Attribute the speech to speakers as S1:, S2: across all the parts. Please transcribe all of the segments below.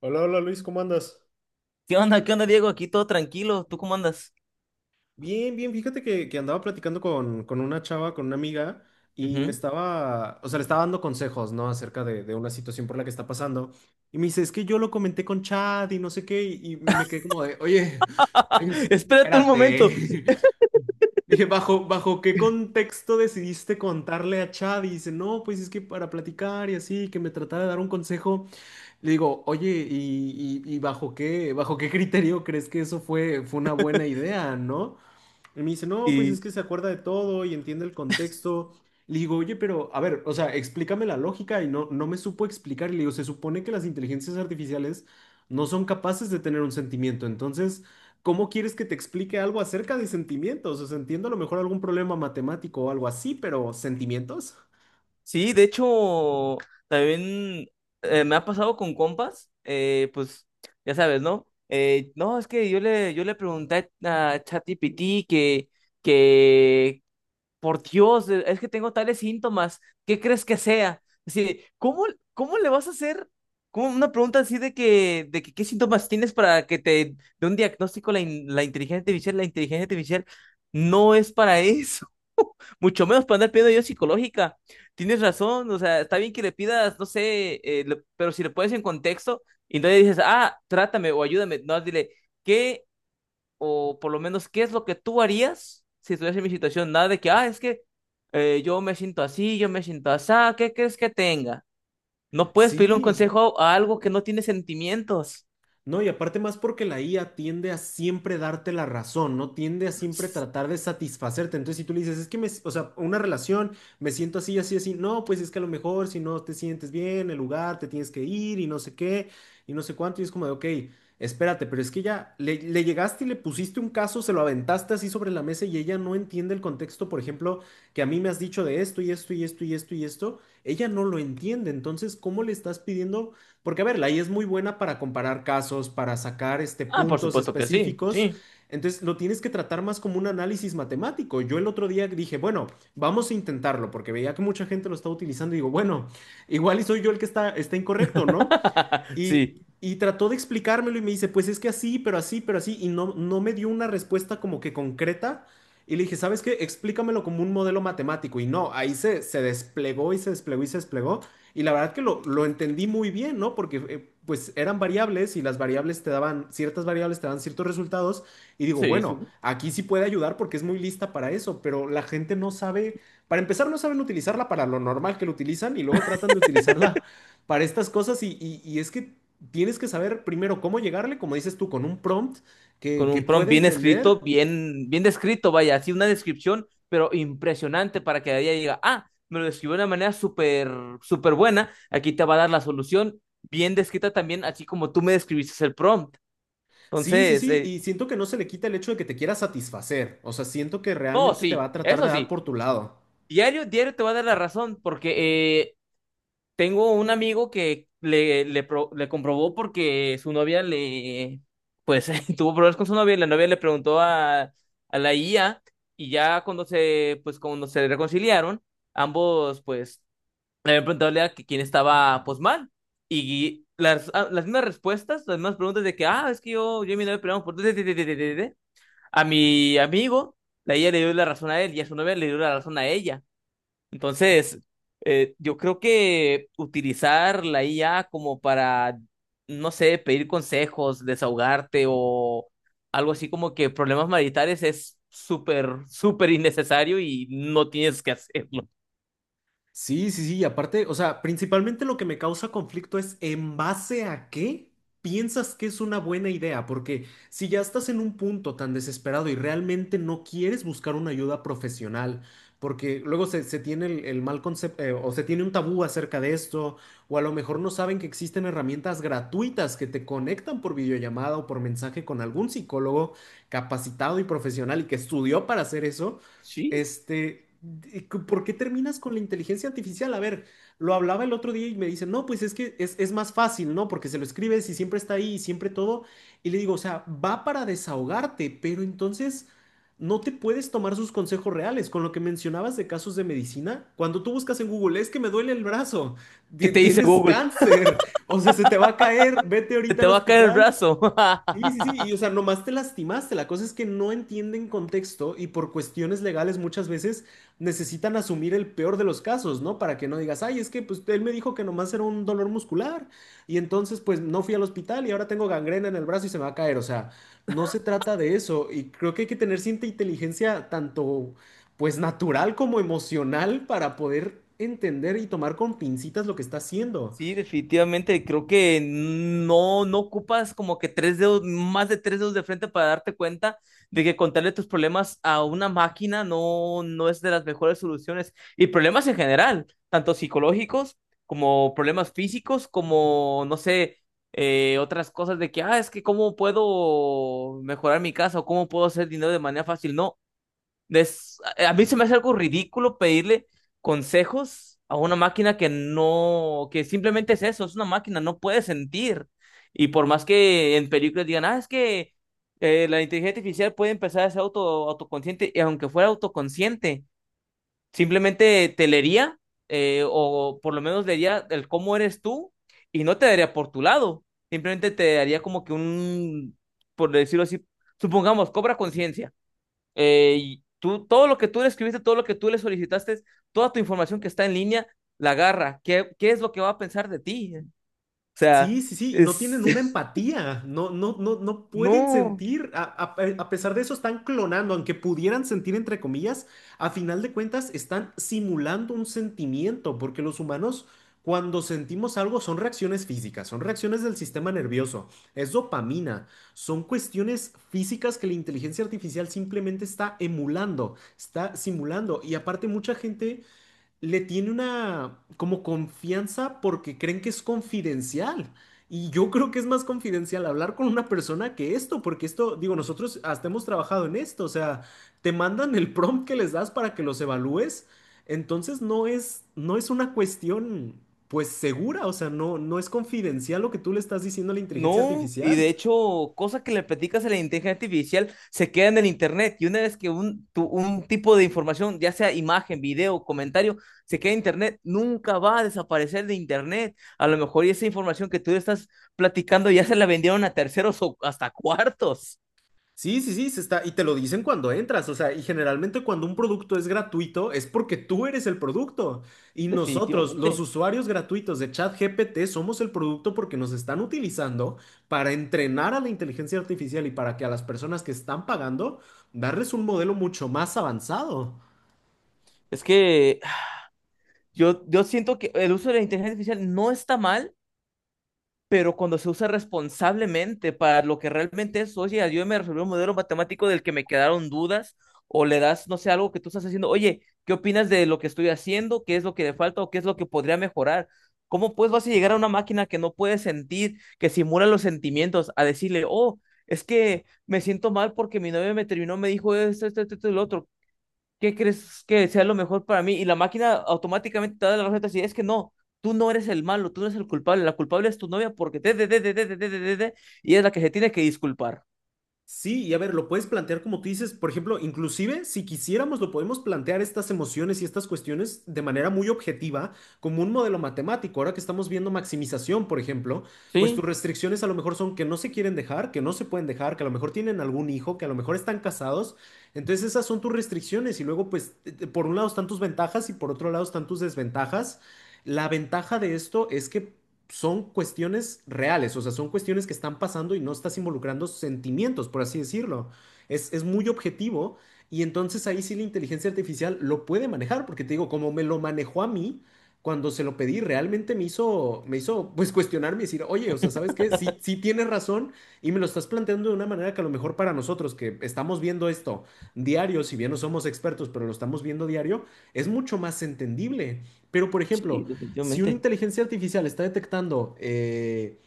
S1: Hola, hola Luis, ¿cómo andas?
S2: ¿Qué onda? ¿Qué onda, Diego? Aquí todo tranquilo. ¿Tú cómo andas?
S1: Bien, bien, fíjate que andaba platicando con una chava, con una amiga, y me
S2: Ujú.
S1: estaba, o sea, le estaba dando consejos, ¿no? Acerca de una situación por la que está pasando. Y me dice, es que yo lo comenté con Chad y no sé qué, y me quedé como de, oye,
S2: Espérate un momento.
S1: espérate. Dije, ¿bajo qué contexto decidiste contarle a Chad? Y dice, no, pues es que para platicar y así, que me tratara de dar un consejo. Le digo, oye, ¿y bajo qué, ¿bajo qué criterio crees que eso fue, fue una buena idea, ¿no? Y me dice, no, pues es
S2: Y
S1: que se acuerda de todo y entiende el contexto. Le digo, oye, pero a ver, o sea, explícame la lógica y no, no me supo explicar. Y le digo, se supone que las inteligencias artificiales no son capaces de tener un sentimiento. Entonces, ¿cómo quieres que te explique algo acerca de sentimientos? O sea, entiendo a lo mejor algún problema matemático o algo así, pero ¿sentimientos?
S2: sí, de hecho, también me ha pasado con compas, pues ya sabes, ¿no? No, es que yo le pregunté a ChatGPT que por Dios, es que tengo tales síntomas, ¿qué crees que sea? Así, ¿cómo, cómo le vas a hacer como una pregunta así de que qué síntomas tienes para que te dé un diagnóstico la inteligencia artificial? La inteligencia artificial no es para eso, mucho menos para andar pidiendo ayuda psicológica. Tienes razón, o sea, está bien que le pidas, no sé, pero si le pones en contexto y no le dices, ah, trátame o ayúdame, no, dile, ¿qué o por lo menos qué es lo que tú harías si estuvieras en mi situación, nada de que, ah, es que yo me siento así, yo me siento así, ¿qué crees que tenga? No puedes pedirle un
S1: Sí.
S2: consejo a algo que no tiene sentimientos.
S1: No, y aparte más porque la IA tiende a siempre darte la razón, ¿no? Tiende a siempre tratar de satisfacerte. Entonces, si tú le dices, es que me, s- o sea, una relación, me siento así, así, así, no, pues es que a lo mejor si no te sientes bien, el lugar, te tienes que ir y no sé qué, y no sé cuánto, y es como de, ok, espérate, pero es que ya le llegaste y le pusiste un caso, se lo aventaste así sobre la mesa y ella no entiende el contexto, por ejemplo, que a mí me has dicho de esto y esto y esto y esto y esto, ella no lo entiende. Entonces, ¿cómo le estás pidiendo? Porque a ver, la IA es muy buena para comparar casos, para sacar este,
S2: Ah, por
S1: puntos
S2: supuesto que sí,
S1: específicos.
S2: sí.
S1: Entonces lo tienes que tratar más como un análisis matemático. Yo el otro día dije, bueno, vamos a intentarlo, porque veía que mucha gente lo estaba utilizando y digo, bueno, igual y soy yo el que está incorrecto, ¿no? Y,
S2: Sí,
S1: y trató de explicármelo y me dice, pues es que así, pero así, pero así, y no, no me dio una respuesta como que concreta. Y le dije, ¿sabes qué? Explícamelo como un modelo matemático. Y no, ahí se desplegó y se desplegó y se desplegó. Y la verdad que lo entendí muy bien, ¿no? Porque pues eran variables y las variables te daban, ciertas variables te dan ciertos resultados. Y digo,
S2: sí,
S1: bueno,
S2: sí.
S1: aquí sí puede ayudar porque es muy lista para eso, pero la gente no sabe, para empezar no saben utilizarla para lo normal que lo utilizan y luego tratan de utilizarla para estas cosas y es que tienes que saber primero cómo llegarle, como dices tú, con un prompt que,
S2: Con
S1: que
S2: un prompt
S1: pueda
S2: bien escrito,
S1: entender.
S2: bien descrito, vaya, así una descripción, pero impresionante para que ella diga, ah, me lo describió de una manera súper, súper buena, aquí te va a dar la solución, bien descrita también, así como tú me describiste el prompt.
S1: Sí, sí,
S2: Entonces,
S1: sí, y siento que no se le quita el hecho de que te quiera satisfacer, o sea, siento que
S2: no,
S1: realmente te va
S2: sí,
S1: a tratar de
S2: eso
S1: dar
S2: sí,
S1: por tu lado.
S2: diario, diario te va a dar la razón, porque tengo un amigo que le comprobó porque su novia pues, tuvo problemas con su novia y la novia le preguntó a la IA y ya cuando se, pues, cuando se reconciliaron, ambos, pues, le habían preguntado a la IA que quién estaba, pues, mal. Y las, ah, las mismas respuestas, las mismas preguntas de que, ah, es que yo y mi novia peleamos por... A mi amigo, la ella le dio la razón a él y a su novia le dio la razón a ella. Entonces, yo creo que utilizar la IA como para, no sé, pedir consejos, desahogarte o algo así como que problemas maritales es súper, súper innecesario y no tienes que hacerlo.
S1: Sí, sí, sí, y aparte, o sea, principalmente lo que me causa conflicto es en base a qué piensas que es una buena idea, porque si ya estás en un punto tan desesperado y realmente no quieres buscar una ayuda profesional, porque luego se tiene el mal concepto, o se tiene un tabú acerca de esto, o a lo mejor no saben que existen herramientas gratuitas que te conectan por videollamada o por mensaje con algún psicólogo capacitado y profesional y que estudió para hacer eso.
S2: Sí.
S1: Este, de- ¿por qué terminas con la inteligencia artificial? A ver, lo hablaba el otro día y me dice, no, pues es que es más fácil, ¿no? Porque se lo escribes y siempre está ahí y siempre todo. Y le digo, o sea, va para desahogarte, pero entonces no te puedes tomar sus consejos reales. Con lo que mencionabas de casos de medicina, cuando tú buscas en Google, es que me duele el brazo,
S2: ¿Qué
S1: ti-
S2: te dice
S1: tienes
S2: Google?
S1: cáncer, o sea, se te va a caer, vete
S2: Se
S1: ahorita
S2: te
S1: al
S2: va a caer el
S1: hospital.
S2: brazo.
S1: Sí, sí, sí, y o sea, nomás te lastimaste. La cosa es que no entienden contexto y por cuestiones legales muchas veces necesitan asumir el peor de los casos, ¿no? Para que no digas, ay, es que pues él me dijo que nomás era un dolor muscular y entonces pues no fui al hospital y ahora tengo gangrena en el brazo y se me va a caer. O sea, no se trata de eso y creo que hay que tener cierta inteligencia tanto pues natural como emocional para poder entender y tomar con pincitas lo que está haciendo.
S2: Sí, definitivamente. Creo que no, no ocupas como que tres dedos, más de tres dedos de frente para darte cuenta de que contarle tus problemas a una máquina no, no es de las mejores soluciones. Y problemas en general, tanto psicológicos como problemas físicos, como, no sé, otras cosas de que, ah, es que cómo puedo mejorar mi casa o cómo puedo hacer dinero de manera fácil. No a mí se me hace algo ridículo pedirle consejos a una máquina que no, que simplemente es eso, es una máquina, no puede sentir. Y por más que en películas digan, ah, es que la inteligencia artificial puede empezar a ser auto, autoconsciente, y aunque fuera autoconsciente, simplemente te leería, o por lo menos leería el cómo eres tú, y no te daría por tu lado, simplemente te daría como que un, por decirlo así, supongamos, cobra conciencia. Y tú, todo lo que tú le escribiste, todo lo que tú le solicitaste, toda tu información que está en línea, la agarra. ¿Qué, qué es lo que va a pensar de ti? O sea,
S1: Sí, sí, sí, y no
S2: es,
S1: tienen una empatía, no, no, no, no pueden
S2: no,
S1: sentir, a pesar de eso están clonando, aunque pudieran sentir entre comillas, a final de cuentas están simulando un sentimiento, porque los humanos cuando sentimos algo son reacciones físicas, son reacciones del sistema nervioso, es dopamina, son cuestiones físicas que la inteligencia artificial simplemente está emulando, está simulando, y aparte mucha gente le tiene una como confianza porque creen que es confidencial. Y yo creo que es más confidencial hablar con una persona que esto, porque esto, digo, nosotros hasta hemos trabajado en esto, o sea, te mandan el prompt que les das para que los evalúes, entonces no es, no es una cuestión, pues, segura, o sea, no, no es confidencial lo que tú le estás diciendo a la inteligencia
S2: no. Y de
S1: artificial.
S2: hecho, cosas que le platicas a la inteligencia artificial se queda en el internet. Y una vez que un tipo de información, ya sea imagen, video, comentario, se queda en internet, nunca va a desaparecer de internet. A lo mejor y esa información que tú estás platicando ya se la vendieron a terceros o hasta cuartos.
S1: Sí, sí, sí, se está, y te lo dicen cuando entras, o sea, y generalmente cuando un producto es gratuito es porque tú eres el producto y nosotros, los
S2: Definitivamente.
S1: usuarios gratuitos de ChatGPT, somos el producto porque nos están utilizando para entrenar a la inteligencia artificial y para que a las personas que están pagando darles un modelo mucho más avanzado.
S2: Es que ah, yo siento que el uso de la inteligencia artificial no está mal, pero cuando se usa responsablemente para lo que realmente es, oye, ayúdame a resolver un modelo matemático del que me quedaron dudas, o le das, no sé, algo que tú estás haciendo, oye, ¿qué opinas de lo que estoy haciendo? ¿Qué es lo que le falta o qué es lo que podría mejorar? ¿Cómo pues vas a llegar a una máquina que no puede sentir, que simula los sentimientos, a decirle, oh, es que me siento mal porque mi novia me terminó, me dijo esto, esto, esto, esto y lo otro? ¿Qué crees que sea lo mejor para mí? Y la máquina automáticamente te da la receta así, es que no, tú no eres el malo, tú no eres el culpable, la culpable es tu novia porque te", y es la que se tiene que disculpar.
S1: Sí, y a ver, lo puedes plantear como tú dices, por ejemplo, inclusive si quisiéramos, lo podemos plantear estas emociones y estas cuestiones de manera muy objetiva, como un modelo matemático. Ahora que estamos viendo maximización, por ejemplo, pues tus
S2: Sí,
S1: restricciones a lo mejor son que no se quieren dejar, que no se pueden dejar, que a lo mejor tienen algún hijo, que a lo mejor están casados. Entonces esas son tus restricciones y luego pues por un lado están tus ventajas y por otro lado están tus desventajas. La ventaja de esto es que son cuestiones reales, o sea, son cuestiones que están pasando y no estás involucrando sentimientos, por así decirlo. Es muy objetivo y entonces ahí sí la inteligencia artificial lo puede manejar, porque te digo, como me lo manejó a mí, cuando se lo pedí, realmente me hizo pues cuestionarme y decir, oye, o sea, ¿sabes qué? Sí, sí tienes razón y me lo estás planteando de una manera que a lo mejor para nosotros que estamos viendo esto diario, si bien no somos expertos, pero lo estamos viendo diario, es mucho más entendible. Pero, por
S2: sí,
S1: ejemplo, si una
S2: definitivamente.
S1: inteligencia artificial está detectando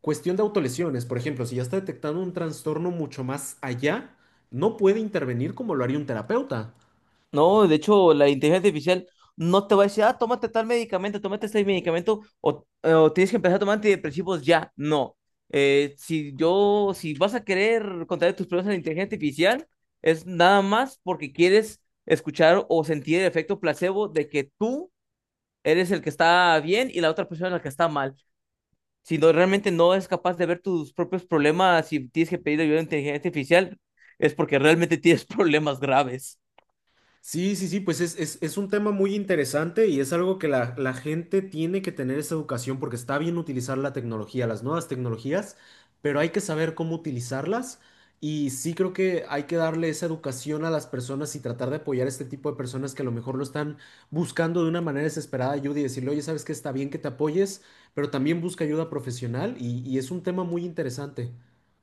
S1: cuestión de autolesiones, por ejemplo, si ya está detectando un trastorno mucho más allá, no puede intervenir como lo haría un terapeuta.
S2: No, de hecho, la inteligencia artificial no te va a decir, ah, tómate tal medicamento, tómate este medicamento, o tienes que empezar a tomar antidepresivos ya. No. Si yo, si vas a querer contar tus problemas a la inteligencia artificial, es nada más porque quieres escuchar o sentir el efecto placebo de que tú eres el que está bien y la otra persona la que está mal. Si no, realmente no es capaz de ver tus propios problemas y tienes que pedir ayuda a la inteligencia artificial, es porque realmente tienes problemas graves.
S1: Sí, sí, sí, pues es un tema muy interesante y es algo que la gente tiene que tener esa educación porque está bien utilizar la tecnología, las nuevas tecnologías, pero hay que saber cómo utilizarlas y sí creo que hay que darle esa educación a las personas y tratar de apoyar a este tipo de personas que a lo mejor lo están buscando de una manera desesperada ayuda y decirle, oye, sabes que está bien que te apoyes, pero también busca ayuda profesional y es un tema muy interesante.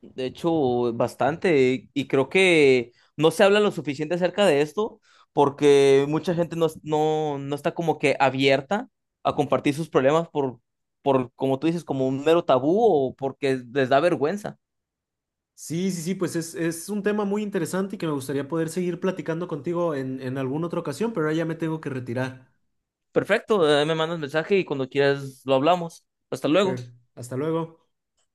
S2: De hecho, bastante. Y creo que no se habla lo suficiente acerca de esto porque mucha gente no, no, no está como que abierta a compartir sus problemas por, como tú dices, como un mero tabú o porque les da vergüenza.
S1: Sí, sí, sí, pues es un tema muy interesante y que me gustaría poder seguir platicando contigo en alguna otra ocasión, pero ahora ya me tengo que retirar.
S2: Perfecto, me mandas mensaje y cuando quieras lo hablamos. Hasta luego.
S1: Pero hasta luego.